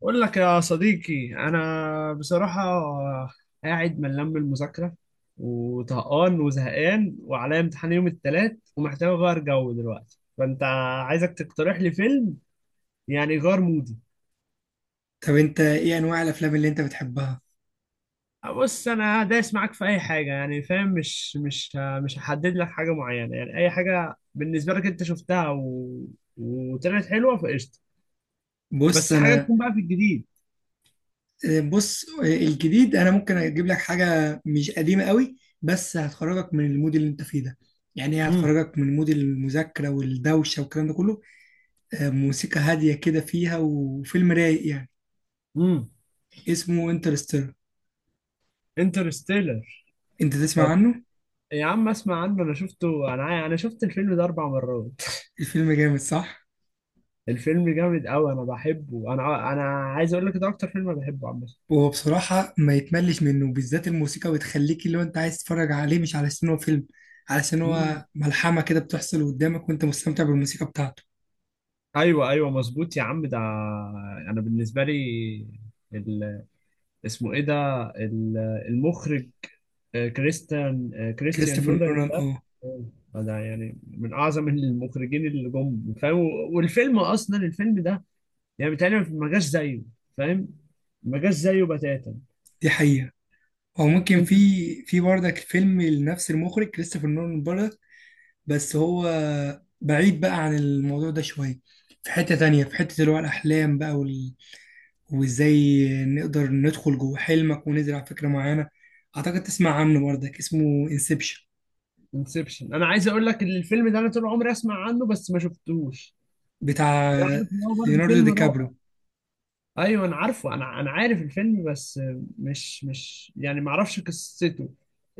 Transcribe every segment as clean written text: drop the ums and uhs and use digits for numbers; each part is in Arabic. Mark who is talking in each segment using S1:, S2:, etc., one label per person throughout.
S1: بقول لك يا صديقي انا بصراحه قاعد ملان من المذاكره وطهقان وزهقان وعليا امتحان يوم الثلاث ومحتاج اغير جو دلوقتي. فانت عايزك تقترح لي فيلم يعني يغير مودي.
S2: طب انت ايه انواع الافلام اللي انت بتحبها؟
S1: بص انا دايس معاك في اي حاجه، يعني فاهم، مش هحدد لك حاجه معينه، يعني اي حاجه بالنسبه لك انت شفتها وطلعت حلوه فقشطه.
S2: بص
S1: بس حاجه
S2: انا
S1: تكون بقى في الجديد.
S2: بص، الجديد انا ممكن اجيب لك حاجه مش قديمه قوي، بس هتخرجك من المود اللي انت فيه ده. يعني هي
S1: امم
S2: هتخرجك من مود المذاكره والدوشه والكلام ده كله. موسيقى هاديه كده فيها، وفيلم رايق يعني.
S1: امم
S2: اسمه انترستيلر.
S1: انترستيلر.
S2: انت تسمع عنه؟
S1: يا عم اسمع عنه، انا شفته، انا شفت الفيلم ده اربع مرات.
S2: الفيلم جامد، صح؟
S1: الفيلم جامد قوي، انا بحبه، انا عايز اقول لك ده اكتر فيلم أنا بحبه، عم.
S2: وهو بصراحه ما يتملش منه، بالذات الموسيقى بتخليك اللي هو انت عايز تتفرج عليه، مش علشان هو فيلم، علشان
S1: مم.
S2: هو ملحمه كده بتحصل قدامك، وانت مستمتع بالموسيقى بتاعته.
S1: ايوه ايوه مظبوط يا عم ده. انا بالنسبه لي ال... اسمه ايه ده؟ ال... المخرج، كريستيان
S2: كريستوفر
S1: نولان
S2: نولان،
S1: ده.
S2: اه.
S1: آه، ده يعني من اعظم المخرجين اللي جم، فاهم. والفيلم اصلا الفيلم ده يعني بيتهيألي ما جاش زيه، فاهم، ما جاش زيه بتاتا.
S2: دي حقيقة. او ممكن في
S1: انت.
S2: في برضك فيلم لنفس المخرج كريستوفر نولان برضك، بس هو بعيد بقى عن الموضوع ده شوية. في حتة تانية، في حتة اللي هو الأحلام بقى وإزاي نقدر ندخل جوه حلمك ونزرع فكرة معينة. أعتقد تسمع عنه برضك، اسمه انسبشن،
S1: انسبشن، انا عايز اقول لك ان الفيلم ده انا طول عمري اسمع عنه بس ما شفتوش.
S2: بتاع
S1: يعني عارف ان هو برضه
S2: ليوناردو
S1: فيلم
S2: دي
S1: رائع.
S2: كابريو.
S1: ايوه انا عارفه، انا عارف الفيلم، بس مش يعني ما اعرفش قصته.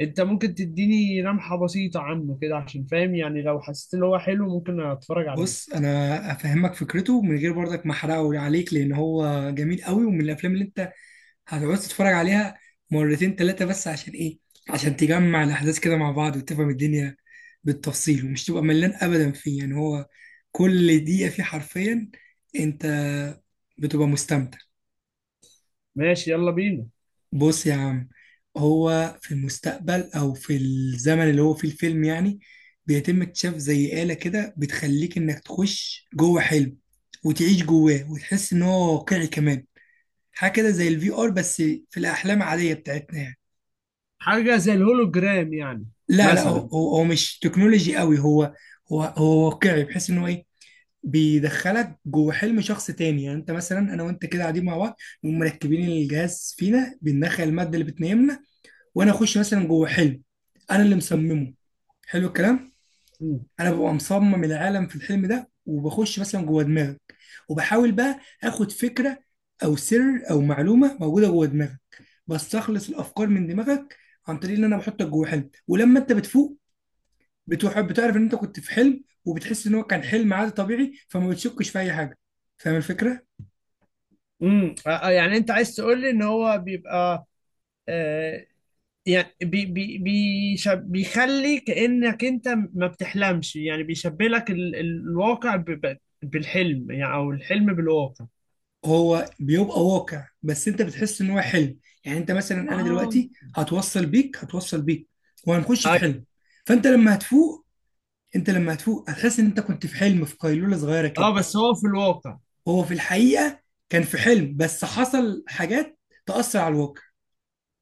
S1: انت ممكن تديني لمحة بسيطة عنه كده عشان فاهم يعني، لو حسيت ان هو حلو ممكن اتفرج
S2: بص
S1: عليه.
S2: أنا أفهمك فكرته من غير برضك ما أحرقه عليك، لأن هو جميل قوي، ومن الأفلام اللي أنت هتقعد تتفرج عليها مرتين تلاتة. بس عشان ايه؟ عشان تجمع الأحداث كده مع بعض، وتفهم الدنيا بالتفصيل، ومش تبقى ملان أبدا فيه. يعني هو كل دقيقة فيه حرفيا أنت بتبقى مستمتع.
S1: ماشي، يلا بينا.
S2: بص يا عم، هو في المستقبل، أو في الزمن اللي هو فيه الفيلم يعني، بيتم اكتشاف زي آلة كده بتخليك إنك تخش جوه حلم، وتعيش جواه، وتحس إن هو واقعي كمان. حاجة كده زي الفي آر، بس في الأحلام العادية بتاعتنا يعني.
S1: حاجة زي الهولوجرام يعني؟
S2: لا لا، هو
S1: مثلا.
S2: هو هو مش تكنولوجي قوي. هو واقعي، بحيث ان هو ايه، بيدخلك جوه حلم شخص تاني. يعني انت مثلا، انا وانت كده قاعدين مع بعض، نقوم مركبين الجهاز فينا، بندخل الماده اللي بتنيمنا، وانا اخش مثلا جوه حلم انا اللي مصممه. حلو الكلام.
S1: امم.
S2: انا ببقى مصمم العالم في الحلم ده، وبخش مثلا جوه دماغك، وبحاول بقى اخد فكره، او سر، او معلومه موجوده جوه دماغك. بستخلص الافكار من دماغك عن طريق ان انا بحطك جوه حلم. ولما انت بتفوق، بتحب بتعرف ان انت كنت في حلم، وبتحس ان هو كان حلم عادي طبيعي، فما بتشكش في اي حاجه. فاهم الفكره؟
S1: امم. يعني انت عايز تقول لي ان هو بيبقى، آه، يعني بي بي بيشب بيخلي كأنك انت ما بتحلمش، يعني بيشبه لك الواقع ب بالحلم يعني، او الحلم بالواقع.
S2: هو بيبقى واقع، بس انت بتحس ان هو حلم. يعني انت مثلا، انا
S1: اه.
S2: دلوقتي هتوصل بيك، هتوصل بيك وهنخش في حلم.
S1: ايوه.
S2: فانت لما هتفوق انت لما هتفوق هتحس ان انت كنت في حلم، في قيلوله صغيره كده.
S1: اه بس هو في الواقع.
S2: هو في الحقيقه كان في حلم، بس حصل حاجات تأثر على الواقع.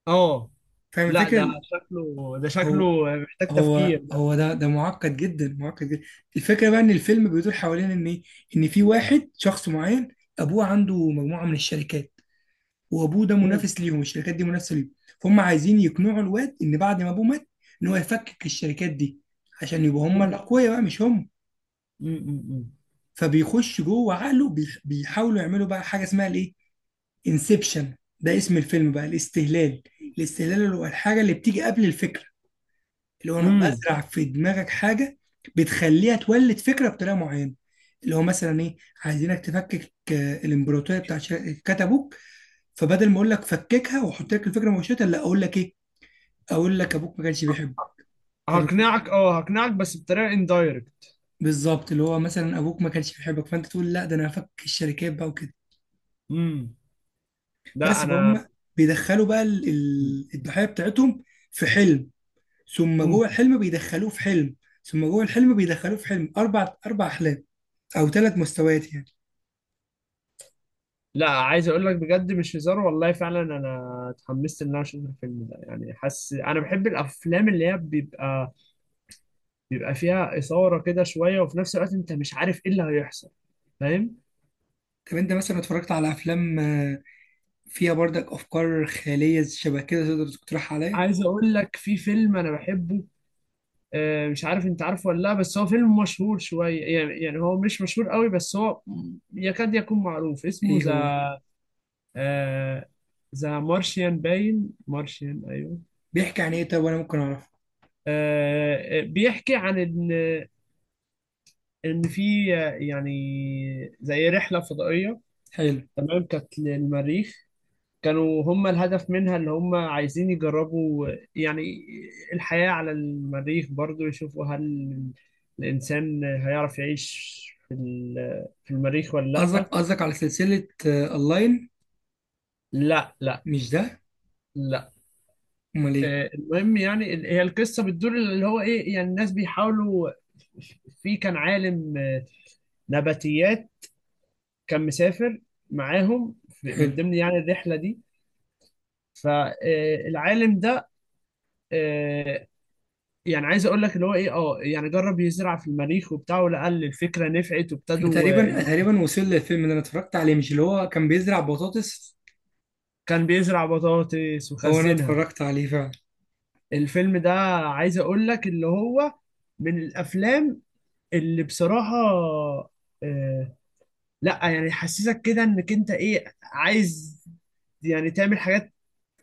S1: اه.
S2: فاهم
S1: لا ده
S2: الفكره؟
S1: شكله، ده
S2: هو
S1: شكله محتاج
S2: هو
S1: تفكير ده.
S2: هو ده معقد جدا، معقد جدا. الفكره بقى ان الفيلم بيدور حوالين ان إيه؟ ان في واحد، شخص معين، ابوه عنده مجموعه من الشركات، وابوه ده
S1: مم،
S2: منافس ليهم، الشركات دي منافسه ليهم. فهم عايزين يقنعوا الواد ان بعد ما ابوه مات، ان هو يفكك الشركات دي، عشان يبقوا هم
S1: مم،
S2: الاقوياء بقى، مش هم.
S1: مم، مم،
S2: فبيخش جوه عقله، بيحاولوا يعملوا بقى حاجه اسمها الايه، انسبشن. ده اسم الفيلم بقى، الاستهلال. الاستهلال اللي هو الحاجه اللي بتيجي قبل الفكره. اللي هو انا
S1: مم.
S2: بزرع في دماغك حاجه بتخليها تولد فكره بطريقه معينه. اللي هو مثلا ايه، عايزينك تفكك الامبراطوريه بتاعت كات ابوك. فبدل ما اقول لك فككها واحط لك الفكره مباشره، لا، اقول لك ايه، اقول لك ابوك ما كانش بيحبك. فاهم الفكره؟
S1: هقنعك، اه هقنعك بس بطريقة اندايركت.
S2: بالظبط. اللي هو مثلا، ابوك ما كانش بيحبك، فانت تقول لا، ده انا هفك الشركات بقى وكده.
S1: امم. لا
S2: بس
S1: انا.
S2: فهم. بيدخلوا بقى الضحيه بتاعتهم في حلم، ثم
S1: مم.
S2: جوه الحلم بيدخلوه في حلم، ثم جوه الحلم بيدخلوه في حلم. اربع احلام، او ثلاث مستويات يعني.
S1: لا، عايز اقول لك بجد مش هزار والله، فعلا انا اتحمست ان انا اشوف الفيلم ده. يعني حاسس انا بحب الافلام اللي هي بيبقى فيها اثاره كده شويه، وفي نفس الوقت انت مش عارف ايه اللي هيحصل، فاهم.
S2: طب انت مثلا اتفرجت على افلام فيها برضك افكار خياليه شبه كده تقدر تقترح عليا؟
S1: عايز اقول لك في فيلم انا بحبه، مش عارف انت عارفه ولا لا، بس هو فيلم مشهور شويه يعني، يعني هو مش مشهور قوي بس هو يكاد يكون معروف. اسمه
S2: ايه
S1: ذا،
S2: هو؟
S1: آه، ذا مارشيان. باين مارشيان، ايوه.
S2: بيحكي عن ايه؟ طب وانا ممكن اعرفه؟
S1: بيحكي عن إن، ان في، يعني زي رحله فضائيه،
S2: حلو.
S1: تمام، كانت للمريخ. كانوا هم الهدف منها اللي هم عايزين يجربوا، يعني الحياه على المريخ برضو، يشوفوا هل الانسان هيعرف يعيش في في المريخ ولا
S2: قصدك
S1: لا.
S2: قصدك على سلسله اونلاين؟
S1: لا لا.
S2: مش ده؟
S1: لا.
S2: امال ايه؟
S1: المهم يعني هي القصه بتدور اللي هو ايه، يعني الناس بيحاولوا. في كان عالم نباتيات، كان مسافر معاهم من
S2: حلو.
S1: ضمن يعني الرحله دي. فالعالم ده آه، يعني عايز اقول لك اللي هو ايه، اه يعني جرب يزرع في المريخ وبتاع ولقى الفكره نفعت،
S2: انا
S1: وابتدوا
S2: تقريبا تقريبا وصل للفيلم اللي انا اتفرجت عليه. مش اللي هو كان بيزرع بطاطس؟
S1: كان بيزرع بطاطس
S2: هو انا
S1: وخزنها.
S2: اتفرجت عليه فعلا.
S1: الفيلم ده عايز اقول لك اللي هو من الافلام اللي بصراحه، آه، لا يعني يحسسك كده انك انت ايه عايز يعني تعمل حاجات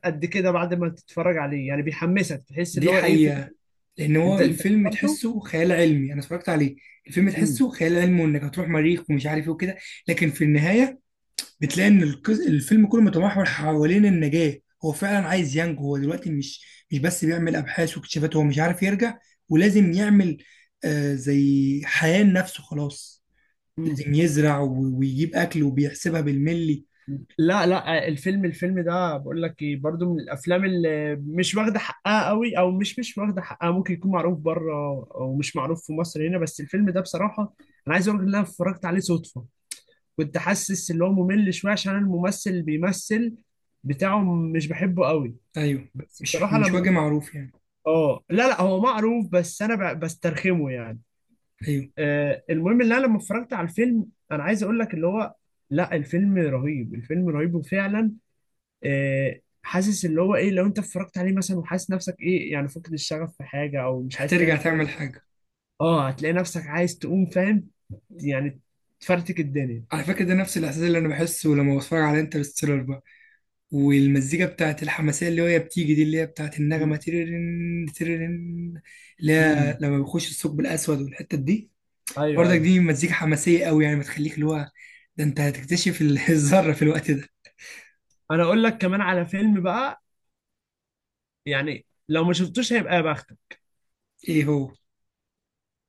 S1: قد كده بعد ما تتفرج عليه. يعني بيحمسك تحس اللي
S2: دي
S1: هو ايه
S2: حقيقه. لان هو
S1: انت انت
S2: الفيلم
S1: افتكرته؟
S2: تحسه خيال علمي، انا اتفرجت عليه. الفيلم تحسه خيال علمي، وانك هتروح مريخ ومش عارف ايه وكده، لكن في النهايه بتلاقي ان الفيلم كله متمحور حوالين النجاة. هو فعلا عايز ينجو. هو دلوقتي مش بس بيعمل ابحاث واكتشافات، هو مش عارف يرجع، ولازم يعمل زي حياة لنفسه خلاص.
S1: مم.
S2: لازم يزرع ويجيب اكل وبيحسبها بالملي.
S1: لا لا الفيلم، الفيلم ده بقول لك ايه برضو من الافلام اللي مش واخده حقها قوي، او مش واخده حقها، ممكن يكون معروف بره او مش معروف في مصر هنا، بس الفيلم ده بصراحه انا عايز اقول لك ان انا اتفرجت عليه صدفه. كنت حاسس ان هو ممل شويه عشان أنا الممثل اللي بيمثل بتاعه مش بحبه قوي،
S2: ايوه.
S1: بس
S2: مش
S1: بصراحه
S2: مش
S1: لما.
S2: وجه معروف يعني؟
S1: اه لا لا هو معروف بس انا بسترخمه يعني.
S2: ايوه.
S1: آه المهم ان انا لما اتفرجت على الفيلم انا عايز اقول لك اللي هو، لا الفيلم رهيب، الفيلم رهيب وفعلا، حاسس اللي هو ايه، لو انت اتفرجت عليه مثلا وحاسس نفسك ايه يعني فقد الشغف في حاجه او مش عايز
S2: هترجع
S1: تعمل حاجه،
S2: تعمل حاجة.
S1: اه هتلاقي نفسك عايز تقوم، فاهم يعني، تفرتك الدنيا.
S2: على فكرة، ده نفس الاحساس اللي انا بحسه لما بتفرج على انترستيلر بقى، والمزيكا بتاعت الحماسية اللي هي بتيجي دي، اللي هي بتاعت النغمة تيرين تيرين، اللي هي
S1: امم.
S2: لما بيخش الثقب الأسود والحتة دي.
S1: ايوه
S2: برضك
S1: ايوه.
S2: دي مزيكا حماسية قوي، يعني بتخليك اللي هو، ده أنت هتكتشف الذرة في الوقت ده.
S1: انا اقول لك كمان على فيلم بقى، يعني لو ما شفتوش هيبقى يا بختك.
S2: إيه هو؟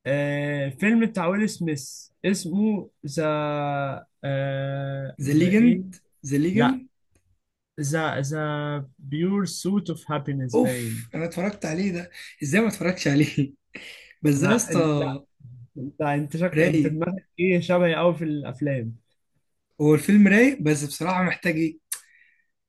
S1: آه فيلم بتاع ويل سميث اسمه ذا، آه
S2: ذا
S1: ذا ايه.
S2: ليجند. ذا
S1: لا
S2: ليجند.
S1: ذا، ذا بيور سوت اوف هابينس. باين.
S2: أوف، أنا اتفرجت عليه ده. إزاي ما اتفرجتش عليه؟ بس ده يا
S1: انا.
S2: اسطى،
S1: لا. انت انت انت
S2: رايق.
S1: دماغك ايه شبهي قوي في الافلام.
S2: هو الفيلم رايق، بس بصراحة محتاج إيه؟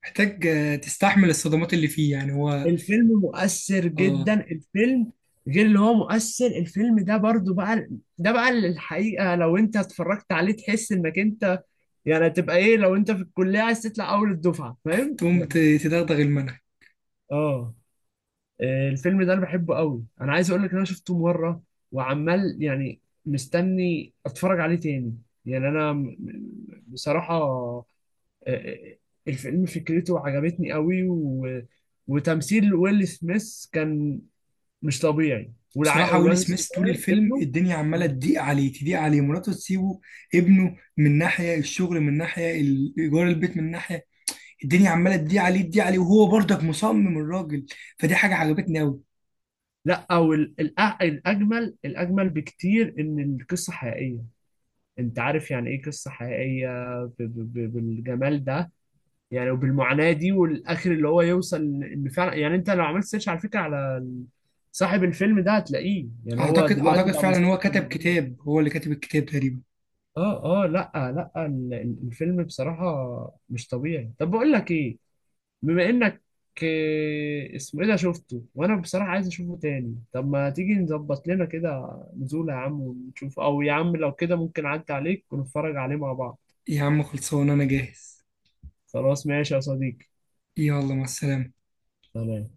S2: محتاج تستحمل الصدمات اللي فيه، يعني هو.
S1: الفيلم مؤثر
S2: اه.
S1: جدا الفيلم، غير اللي هو مؤثر، الفيلم ده برضو بقى، ده بقى اللي الحقيقة لو انت اتفرجت عليه تحس انك انت يعني تبقى ايه، لو انت في الكلية عايز تطلع اول الدفعة فاهم
S2: تقوم
S1: يعني.
S2: تدغدغ المنهج.
S1: اه. الفيلم ده انا بحبه قوي، انا عايز اقول لك ان انا شفته مرة وعمال يعني مستني اتفرج عليه تاني. يعني انا بصراحة، آه، آه، الفيلم فكرته عجبتني قوي. وتمثيل ويل سميث كان مش طبيعي،
S2: بصراحة ويل
S1: والواد
S2: سميث طول
S1: الصغير
S2: الفيلم
S1: ابنه.
S2: الدنيا عمالة تضيق عليه، تضيق عليه، مراته تسيبه، ابنه، من ناحية الشغل، من ناحية إيجار البيت، من ناحية الدنيا عمالة تضيق عليه، تضيق عليه، وهو برضك مصمم الراجل. فدي حاجة عجبتني أوي.
S1: لا او الاجمل، الاجمل بكتير ان القصه حقيقيه. انت عارف يعني ايه قصه حقيقيه بالجمال ده؟ يعني وبالمعاناه دي والاخر اللي هو يوصل. ان فعلا يعني انت لو عملت سيرش على فكره على صاحب الفيلم ده هتلاقيه، يعني هو دلوقتي
S2: أعتقد
S1: بقى
S2: فعلا هو كتب
S1: مستثمر.
S2: كتاب، هو اللي كاتب الكتاب تقريبا.
S1: اه اه، لا لا الفيلم بصراحة مش طبيعي. طب بقول لك ايه، بما انك، اسمه ايه ده شفته وانا بصراحة عايز اشوفه تاني. طب ما تيجي نظبط لنا كده نزولة يا عم ونشوف، او يا عم لو كده ممكن اعدي عليك ونتفرج عليه مع بعض.
S2: يا عم خلصان، أنا جاهز.
S1: خلاص، ماشي يا صديقي.
S2: يلا، مع السلامة.
S1: تمام.